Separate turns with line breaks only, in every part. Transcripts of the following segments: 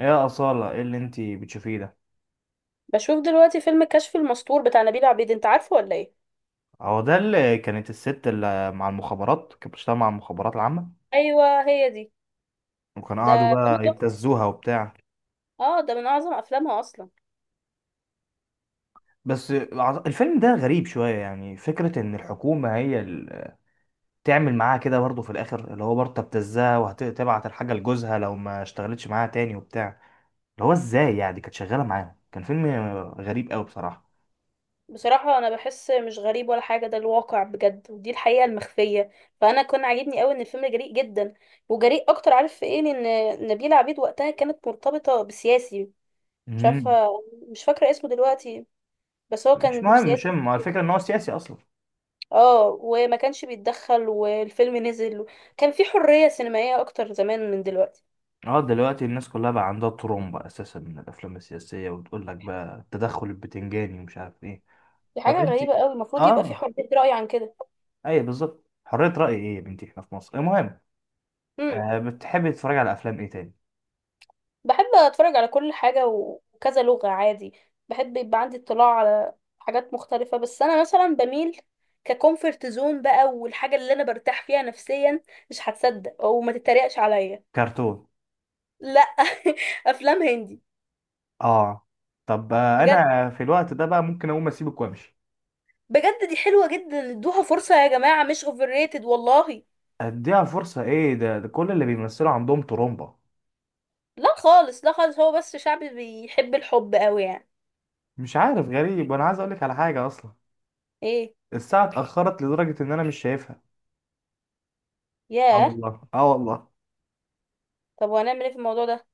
ايه يا أصالة، ايه اللي انتي بتشوفيه ده؟
بشوف دلوقتي فيلم كشف المستور بتاع نبيل عبيد، انت عارفه ولا ايه؟
هو ده اللي كانت الست اللي مع المخابرات، كانت بتشتغل مع المخابرات العامة؟
ايوه هي دي.
وكانوا قعدوا
ده فيلم
بقى
تحفه.
يبتزوها وبتاع.
اه ده من اعظم افلامها اصلا.
بس الفيلم ده غريب شوية، يعني فكرة ان الحكومة هي اللي تعمل معاها كده برضه في الاخر، اللي هو برضه تبتزها وهتبعت الحاجة لجوزها لو ما اشتغلتش معاها تاني وبتاع. اللي هو ازاي يعني كانت شغالة معاهم؟ كان فيلم غريب قوي بصراحة.
بصراحه انا بحس مش غريب ولا حاجه، ده الواقع بجد، ودي الحقيقه المخفيه. فانا كان عاجبني قوي ان الفيلم جريء جدا، وجريء اكتر، عارف في ايه؟ لان نبيلة عبيد وقتها كانت مرتبطه بسياسي. مش عارفه،
امم
مش فاكره اسمه دلوقتي، بس هو
مش
كان
مهم، مش
سياسي.
مهم، هو الفكرة ان هو سياسي اصلا.
اه وما كانش بيتدخل والفيلم نزل. كان في حريه سينمائيه اكتر زمان من دلوقتي.
اه، دلوقتي الناس كلها بقى عندها ترومبا اساسا من الافلام السياسيه وتقول لك بقى التدخل البتنجاني ومش عارف ايه.
دي
طب
حاجة
انت.
غريبة قوي، المفروض يبقى في
اه.
حرية رأي عن كده.
ايوه بالظبط، حريه راي ايه يا بنتي، احنا في مصر. المهم،
امم.
بتحبي تتفرجي على افلام ايه تاني؟
بحب اتفرج على كل حاجة وكذا لغة عادي. بحب يبقى عندي اطلاع على حاجات مختلفة، بس انا مثلا بميل ككومفورت زون بقى، والحاجة اللي انا برتاح فيها نفسيا مش هتصدق او ما تتريقش عليا.
كرتون؟
لا. افلام هندي.
اه. طب،
بجد،
انا في الوقت ده بقى ممكن اقوم اسيبك وامشي.
بجد دي حلوة جدا، ادوها فرصة يا جماعة، مش اوفر ريتد والله.
اديها فرصه ايه ده؟ ده كل اللي بيمثلوا عندهم ترومبا.
لا خالص، لا خالص، هو بس شعبي بيحب الحب قوي يعني.
مش عارف، غريب، وانا عايز اقول لك على حاجه اصلا.
ايه؟
الساعه اتاخرت لدرجه ان انا مش شايفها. اه
ياه.
والله، اه والله.
طب وهنعمل ايه في الموضوع ده؟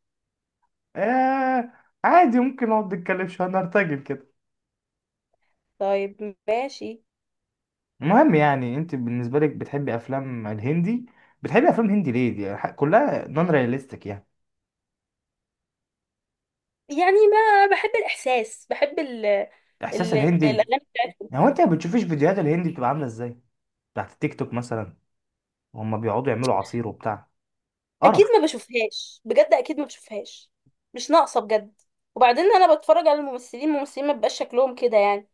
آه عادي، ممكن نقعد نتكلم شوية، نرتجل كده.
طيب ماشي.
المهم، يعني انت بالنسبة لك بتحبي افلام الهندي؟ بتحبي افلام هندي ليه؟ دي كلها نون رياليستيك يعني.
يعني ما بحب الإحساس، بحب ال
احساس
ال
الهندي.
الأغاني بتاعتهم.
يعني هو انت ما بتشوفيش فيديوهات الهندي بتبقى عاملة ازاي؟ بتاعت التيك توك مثلا. وهم بيقعدوا يعملوا عصير وبتاع. قرف.
أكيد ما بشوفهاش بجد، أكيد ما بشوفهاش، مش ناقصة بجد. وبعدين أنا بتفرج على الممثلين، الممثلين ما بيبقاش شكلهم كده يعني.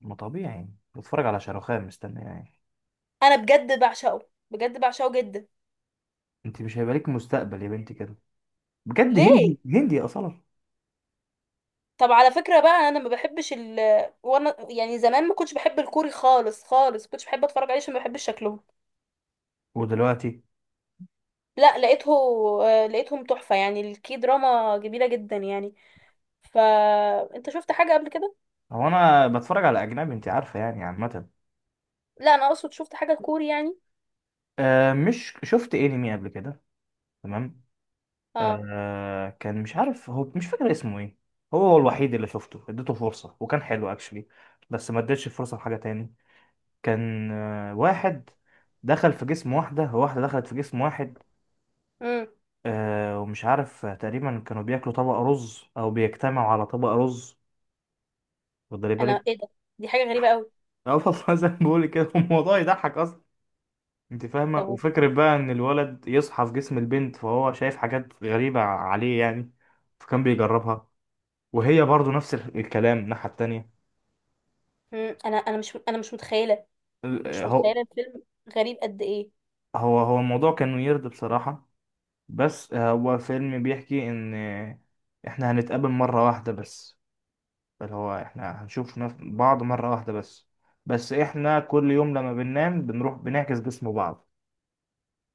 ما طبيعي يعني، بتفرج على شاروخان مستني يعني.
أنا بجد بعشقه، بجد بعشقه جدا.
انت مش هيبقى لك مستقبل يا بنتي كده، بجد.
ليه؟
هندي هندي اصلا.
طب على فكرة بقى، أنا ما بحبش وأنا يعني زمان ما كنتش بحب الكوري خالص، خالص ما كنتش بحب أتفرج عليه عشان ما بحبش شكلهم.
ودلوقتي؟
لا لقيته. لقيتهم تحفة يعني، الكي دراما جميلة جدا يعني. فانت شفت حاجة قبل كده؟
هو انا بتفرج على اجنبي انت عارفة، يعني عامة.
لا، انا اقصد شفت حاجة كوري يعني.
آه، مش شفت انمي قبل كده؟ تمام.
اه.
كان، مش عارف هو، مش فاكر اسمه ايه. هو الوحيد اللي شفته، اديته فرصة وكان حلو اكشلي. بس ما اديتش فرصة لحاجة تاني. كان واحد دخل في جسم واحدة، واحدة دخلت في جسم واحد.
امم.
ومش عارف، تقريبا كانوا بياكلوا طبق رز او بيجتمعوا على طبق رز، واخدلي بالك.
انا ايه ده، دي حاجة غريبة قوي.
اه والله، زي ما بقول كده، الموضوع يضحك اصلا. انت فاهمة،
طب.
وفكرة بقى ان الولد يصحى في جسم البنت، فهو شايف حاجات غريبة عليه يعني. فكان بيجربها، وهي برضو نفس الكلام الناحية التانية.
امم. انا مش متخيلة،
ال-
مش
هو
متخيلة الفيلم. غريب قد ايه؟
هو الموضوع كان ويرد بصراحة. بس هو فيلم بيحكي إن إحنا هنتقابل مرة واحدة بس، اللي هو إحنا هنشوف بعض مرة واحدة بس، بس إحنا كل يوم لما بننام بنروح بنعكس جسم بعض.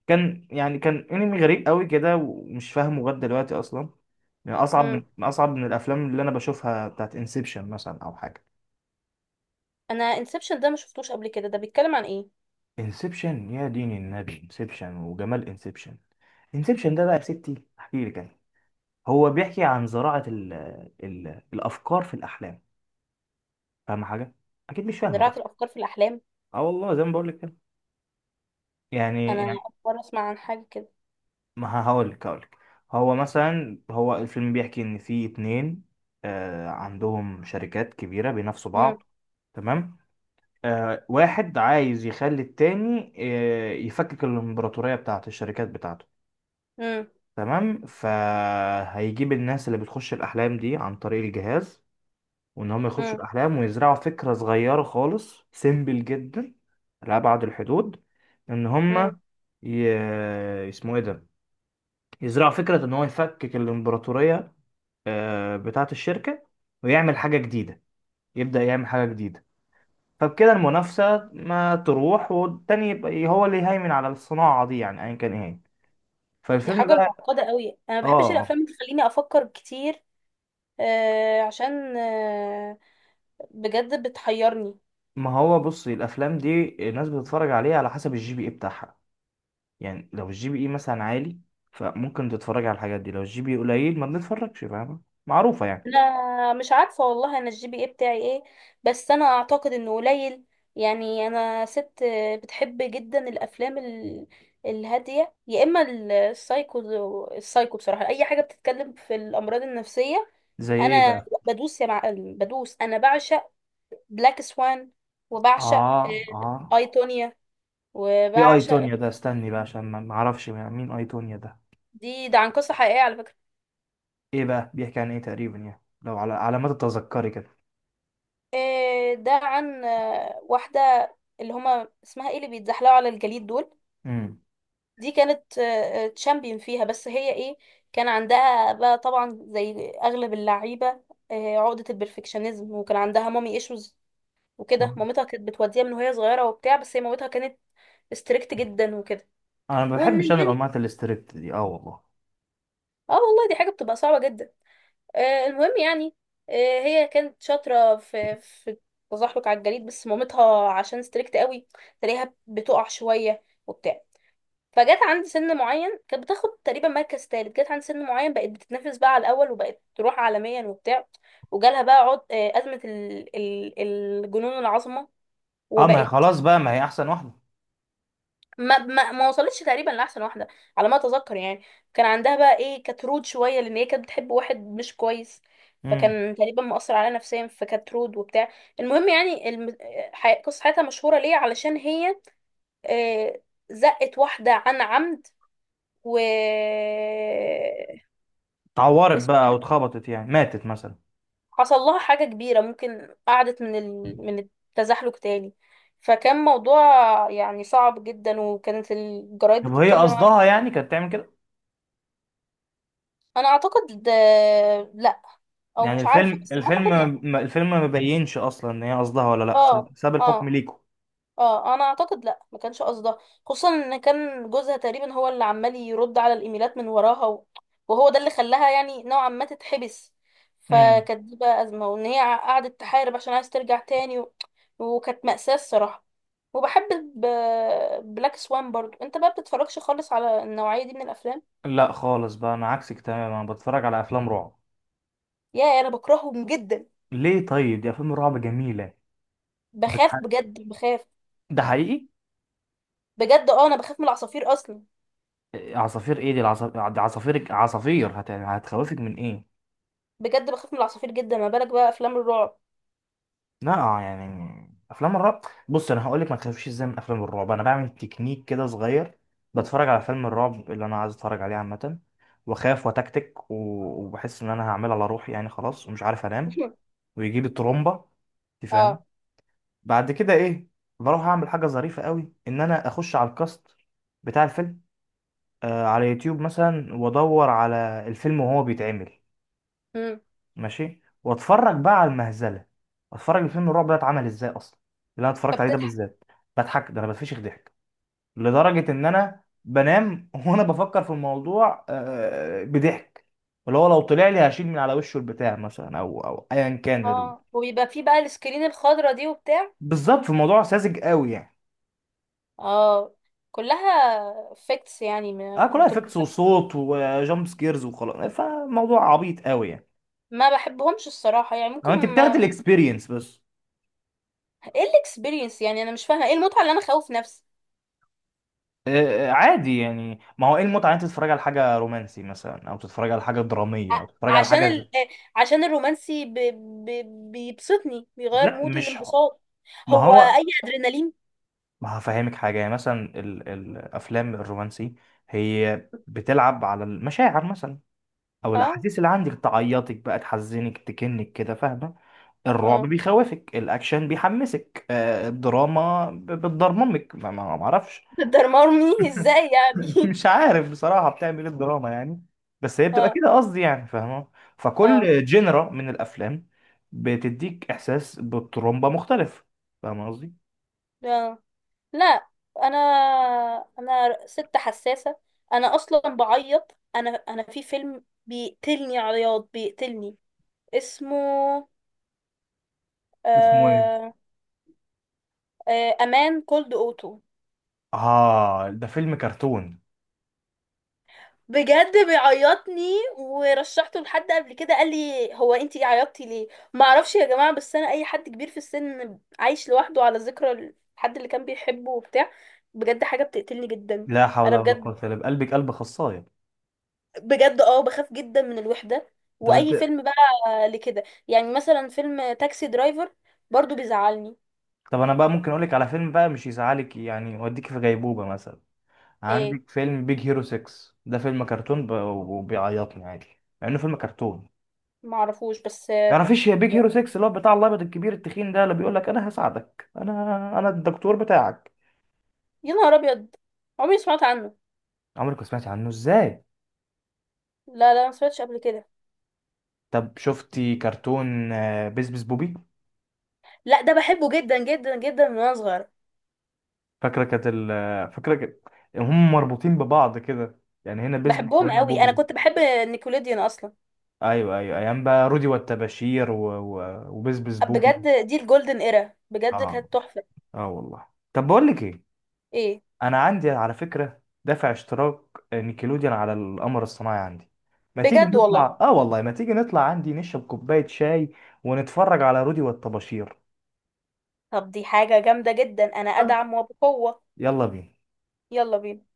كان أنمي غريب قوي كده، ومش فاهمه لغاية دلوقتي أصلا. يعني أصعب من
امم.
أصعب من الأفلام اللي أنا بشوفها، بتاعت انسبشن مثلا أو حاجة.
انا انسبشن ده ما شفتوش قبل كده، ده بيتكلم عن ايه؟
انسبشن يا دين النبي، انسبشن وجمال انسبشن. انسبشن ده بقى يا ستي احكي لك انا. هو بيحكي عن زراعة ال الافكار في الاحلام. فاهمة حاجة؟ اكيد مش فاهمة،
زراعة
صح.
الافكار في الاحلام.
اه والله، زي ما بقول لك كده. يعني
انا
يعني
اول مرة اسمع عن حاجة كده.
ما هقول لك، هقول لك. هو مثلا، هو الفيلم بيحكي ان في اتنين عندهم شركات كبيرة بينافسوا بعض.
امم.
تمام. واحد عايز يخلي التاني، يفكك الامبراطورية بتاعت الشركات بتاعته.
امم.
تمام. فهيجيب الناس اللي بتخش الأحلام دي عن طريق الجهاز، وإن هم يخشوا
امم.
الأحلام ويزرعوا فكرة صغيرة خالص، سيمبل جدا لأبعد الحدود، إن
امم.
هم ي... اسمه إيه ده، يزرعوا فكرة إن هو يفكك الإمبراطورية، بتاعة الشركة، ويعمل حاجة جديدة، يبدأ يعمل حاجة جديدة. فبكده المنافسة ما تروح، والتاني يبقى هو اللي يهيمن على الصناعة دي، يعني أيا كان إيه هي.
دي
فالفيلم
حاجة
بقى.
معقدة قوي، انا
آه.
ما بحبش
آه.
الافلام اللي تخليني افكر كتير. عشان بجد بتحيرني.
ما هو بصي، الافلام دي الناس بتتفرج عليها على حسب الجي بي اي بتاعها. يعني لو الجي بي اي مثلا عالي، فممكن تتفرج على الحاجات دي. لو الجي بي اي قليل، ما بنتفرجش، فاهمة؟ معروفة يعني.
انا مش عارفه والله، انا الجي بي اي بتاعي ايه؟ بس انا اعتقد انه قليل. يعني انا ست بتحب جدا الافلام الهاديه يا اما السايكو. السايكو بصراحه اي حاجه بتتكلم في الامراض النفسيه.
زي ايه
انا
بقى؟
بدوس يا معلم بدوس، انا بعشق بلاك سوان، وبعشق
اه، اه.
ايتونيا،
ايه اي
وبعشق.
تونيا ده؟ استني بقى عشان ما اعرفش مين اي تونيا ده.
ده عن قصه حقيقيه على فكره.
ايه بقى بيحكي عن ايه تقريبا؟ يعني لو على ما تتذكري كده.
ده عن واحده، اللي هما اسمها ايه، اللي بيتزحلقوا على الجليد دول.
امم
دي كانت تشامبيون فيها، بس هي ايه، كان عندها بقى طبعا زي اغلب اللعيبه عقده البرفكشنزم، وكان عندها مامي ايشوز وكده. مامتها كانت بتوديها من وهي صغيره وبتاع، بس هي مامتها كانت ستريكت جدا وكده.
انا ما
وان
بحبش، انا
البنت،
الانماط الاستريبت دي، اه والله.
اه والله دي حاجه بتبقى صعبه جدا. المهم يعني، آه، هي كانت شاطره في التزحلق على الجليد، بس مامتها عشان ستريكت قوي تلاقيها بتقع شويه وبتاع. فجت عند سن معين كانت بتاخد تقريبا مركز تالت، جت عند سن معين بقت بتتنافس بقى على الاول وبقت تروح عالميا وبتاع. وجالها بقى عد... آه، ازمه الجنون العظمه.
اه، ما هي
وبقت
خلاص بقى، ما هي احسن واحده.
ما وصلتش تقريبا لاحسن واحده، على ما اتذكر يعني. كان عندها بقى ايه، كانت رود شويه لان هي كانت بتحب واحد مش كويس.
امم
فكان تقريبا مأثر عليها نفسيا فكانت رود وبتاع. المهم يعني قصة حياتها مشهورة ليه علشان هي آه، زقت واحدة عن عمد. و
اتعورت
وس-
بقى او اتخبطت، يعني ماتت مثلا؟
حصل لها حاجة كبيرة، ممكن قعدت من التزحلق تاني. فكان موضوع يعني صعب جدا، وكانت الجرايد
طب هي
بتتكلم
قصدها
عنه.
يعني كانت تعمل كده؟
انا اعتقد لا، او
يعني
مش عارفة،
الفيلم،
بس ما
الفيلم
اعتقد لا.
ما- الفيلم ما بيبينش اصلا ان هي قصدها ولا لا، ساب
اه،
ساب الحكم
اه،
ليكوا.
اه، انا اعتقد لا، ما كانش قصدها. خصوصا ان كان جوزها تقريبا هو اللي عمال يرد على الايميلات من وراها وهو ده اللي خلاها يعني نوعا ما تتحبس.
امم
فكانت دي بقى ازمه، وان هي قعدت تحارب عشان عايز ترجع تاني وكانت مأساة الصراحه. وبحب ب... بلاك سوان برضو، انت بقى بتتفرجش خالص على النوعيه دي من الافلام؟
لا خالص بقى، انا عكسك تماما، انا بتفرج على افلام رعب.
يا انا بكرههم جدا.
ليه؟ طيب دي افلام رعب جميله. بتح...
بخاف بجد، بخاف.
ده حقيقي.
بجد انا بخاف من العصافير اصلا.
إيه، عصافير ايه دي؟ العصافير عصافير عصافير هتخوفك من ايه؟
بجد بخاف من العصافير جدا، ما بالك بقى افلام الرعب.
لا، يعني افلام الرعب. بص، انا هقول لك ما تخافيش ازاي من افلام الرعب. انا بعمل تكنيك كده صغير، بتفرج على فيلم الرعب اللي انا عايز اتفرج عليه عامه، واخاف وتكتك وبحس ان انا هعمل على روحي يعني، خلاص ومش عارف انام، ويجيب الترومبه، انت فاهم.
اه.
بعد كده ايه؟ بروح اعمل حاجه ظريفه قوي، ان انا اخش على الكاست بتاع الفيلم، على يوتيوب مثلا، وادور على الفيلم وهو بيتعمل.
مم.
ماشي، واتفرج بقى على المهزله، اتفرج الفيلم الرعب ده اتعمل ازاي اصلا، اللي انا اتفرجت عليه ده
فبتضحك.
بالذات. بضحك، ده انا بتفشخ ضحك، لدرجه ان انا بنام وانا بفكر في الموضوع، بضحك، اللي هو لو طلع لي هشيل من على وشه البتاع مثلا، او ايا كان
اه، وبيبقى فيه بقى السكرين الخضرا دي وبتاع.
بالظبط، في موضوع ساذج قوي يعني.
اه كلها افكتس يعني
اه،
ما
كلها افكتس
بتبقى.
وصوت وجامب سكيرز وخلاص، فموضوع عبيط قوي يعني.
ما بحبهمش الصراحة يعني،
هو
ممكن
انت بتاخد
ما...
الاكسبيرينس بس.
ايه الاكسبيرينس، يعني انا مش فاهمة ايه المتعة اللي انا خوف نفسي.
عادي، يعني ما هو ايه المتعه ان انت تتفرج على حاجه رومانسي مثلا، او تتفرج على حاجه دراميه، او
ع-
تتفرج على
عشان ال...
حاجه.
آه، عشان الرومانسي ب... بيبسطني، بيغير
لا
مودي
مش
الانبساط.
ما
هو
هو،
اي ادرينالين.
ما هفهمك حاجه. يعني مثلا الافلام الرومانسي، هي بتلعب على المشاعر مثلا، او
اه.
الاحاسيس اللي عندك، تعيطك بقى، تحزنك، تكنك كده، فاهمه. الرعب
اه.
بيخوفك، الاكشن بيحمسك، الدراما بتضرممك، ما اعرفش.
درمرني ازاي يعني.
مش عارف بصراحة بتعمل ايه الدراما يعني، بس هي بتبقى
اه.
كده، قصدي يعني، فاهمة. فكل جنرا من الافلام بتديك احساس بالترومبا مختلف، فاهمة قصدي.
اه. لا، انا انا ست حساسه. انا اصلا بعيط، انا في فيلم بيقتلني عياط بيقتلني. اسمه
اسمه ايه؟
آه امان كولد اوتو.
اه، ده فيلم كرتون.
بجد بيعيطني، ورشحته لحد قبل كده قال لي هو انتي عيطتي ليه. ما اعرفش يا جماعه، بس انا اي حد كبير في السن عايش لوحده على ذكرى الحد اللي كان بيحبه وبتاع، بجد حاجه بتقتلني جدا.
لا حول
انا
ولا
بجد،
قوة الا بقلبك، قلب خصاية.
بجد بخاف جدا من الوحدة.
طب
واي
انت.
فيلم بقى لكده يعني، مثلا فيلم تاكسي درايفر برضو بيزعلني.
طب انا بقى ممكن اقولك على فيلم بقى مش يزعلك، يعني يوديك في غيبوبة مثلا.
ايه؟
عندك فيلم بيج هيرو 6، ده فيلم كرتون وبيعيطني عادي، مع انه فيلم كرتون.
معرفوش بس
تعرفيش يا بيج هيرو 6 اللي هو بتاع الابيض الكبير التخين ده، اللي بيقول لك انا هساعدك، انا الدكتور بتاعك.
يا نهار ابيض، عمري ما سمعت عنه.
عمرك ما سمعتي عنه ازاي؟
لا، لا ما سمعتش قبل كده.
طب شفتي كرتون بيس بيس بوبي؟
لا ده بحبه جدا جدا جدا من وانا صغيرة.
فاكره كانت هم مربوطين ببعض كده، يعني هنا بيس بيس
بحبهم
وهنا
قوي، انا
بوبي.
كنت بحب نيكوليديان اصلا.
ايوه ايوه، ايام بقى رودي والتباشير و... و... وبيس بيس بوبي.
بجد دي الجولدن ايرا، بجد
اه،
كانت تحفة.
اه والله. طب بقول لك ايه.
ايه؟
انا عندي على فكره دافع اشتراك نيكلوديان على القمر الصناعي عندي، ما تيجي
بجد والله.
نطلع، اه والله ما تيجي نطلع عندي نشرب كوبايه شاي ونتفرج على رودي والطباشير.
طب دي حاجة جامدة جدا، انا
صح.
ادعم وبقوة.
يلا بينا.
يلا بينا.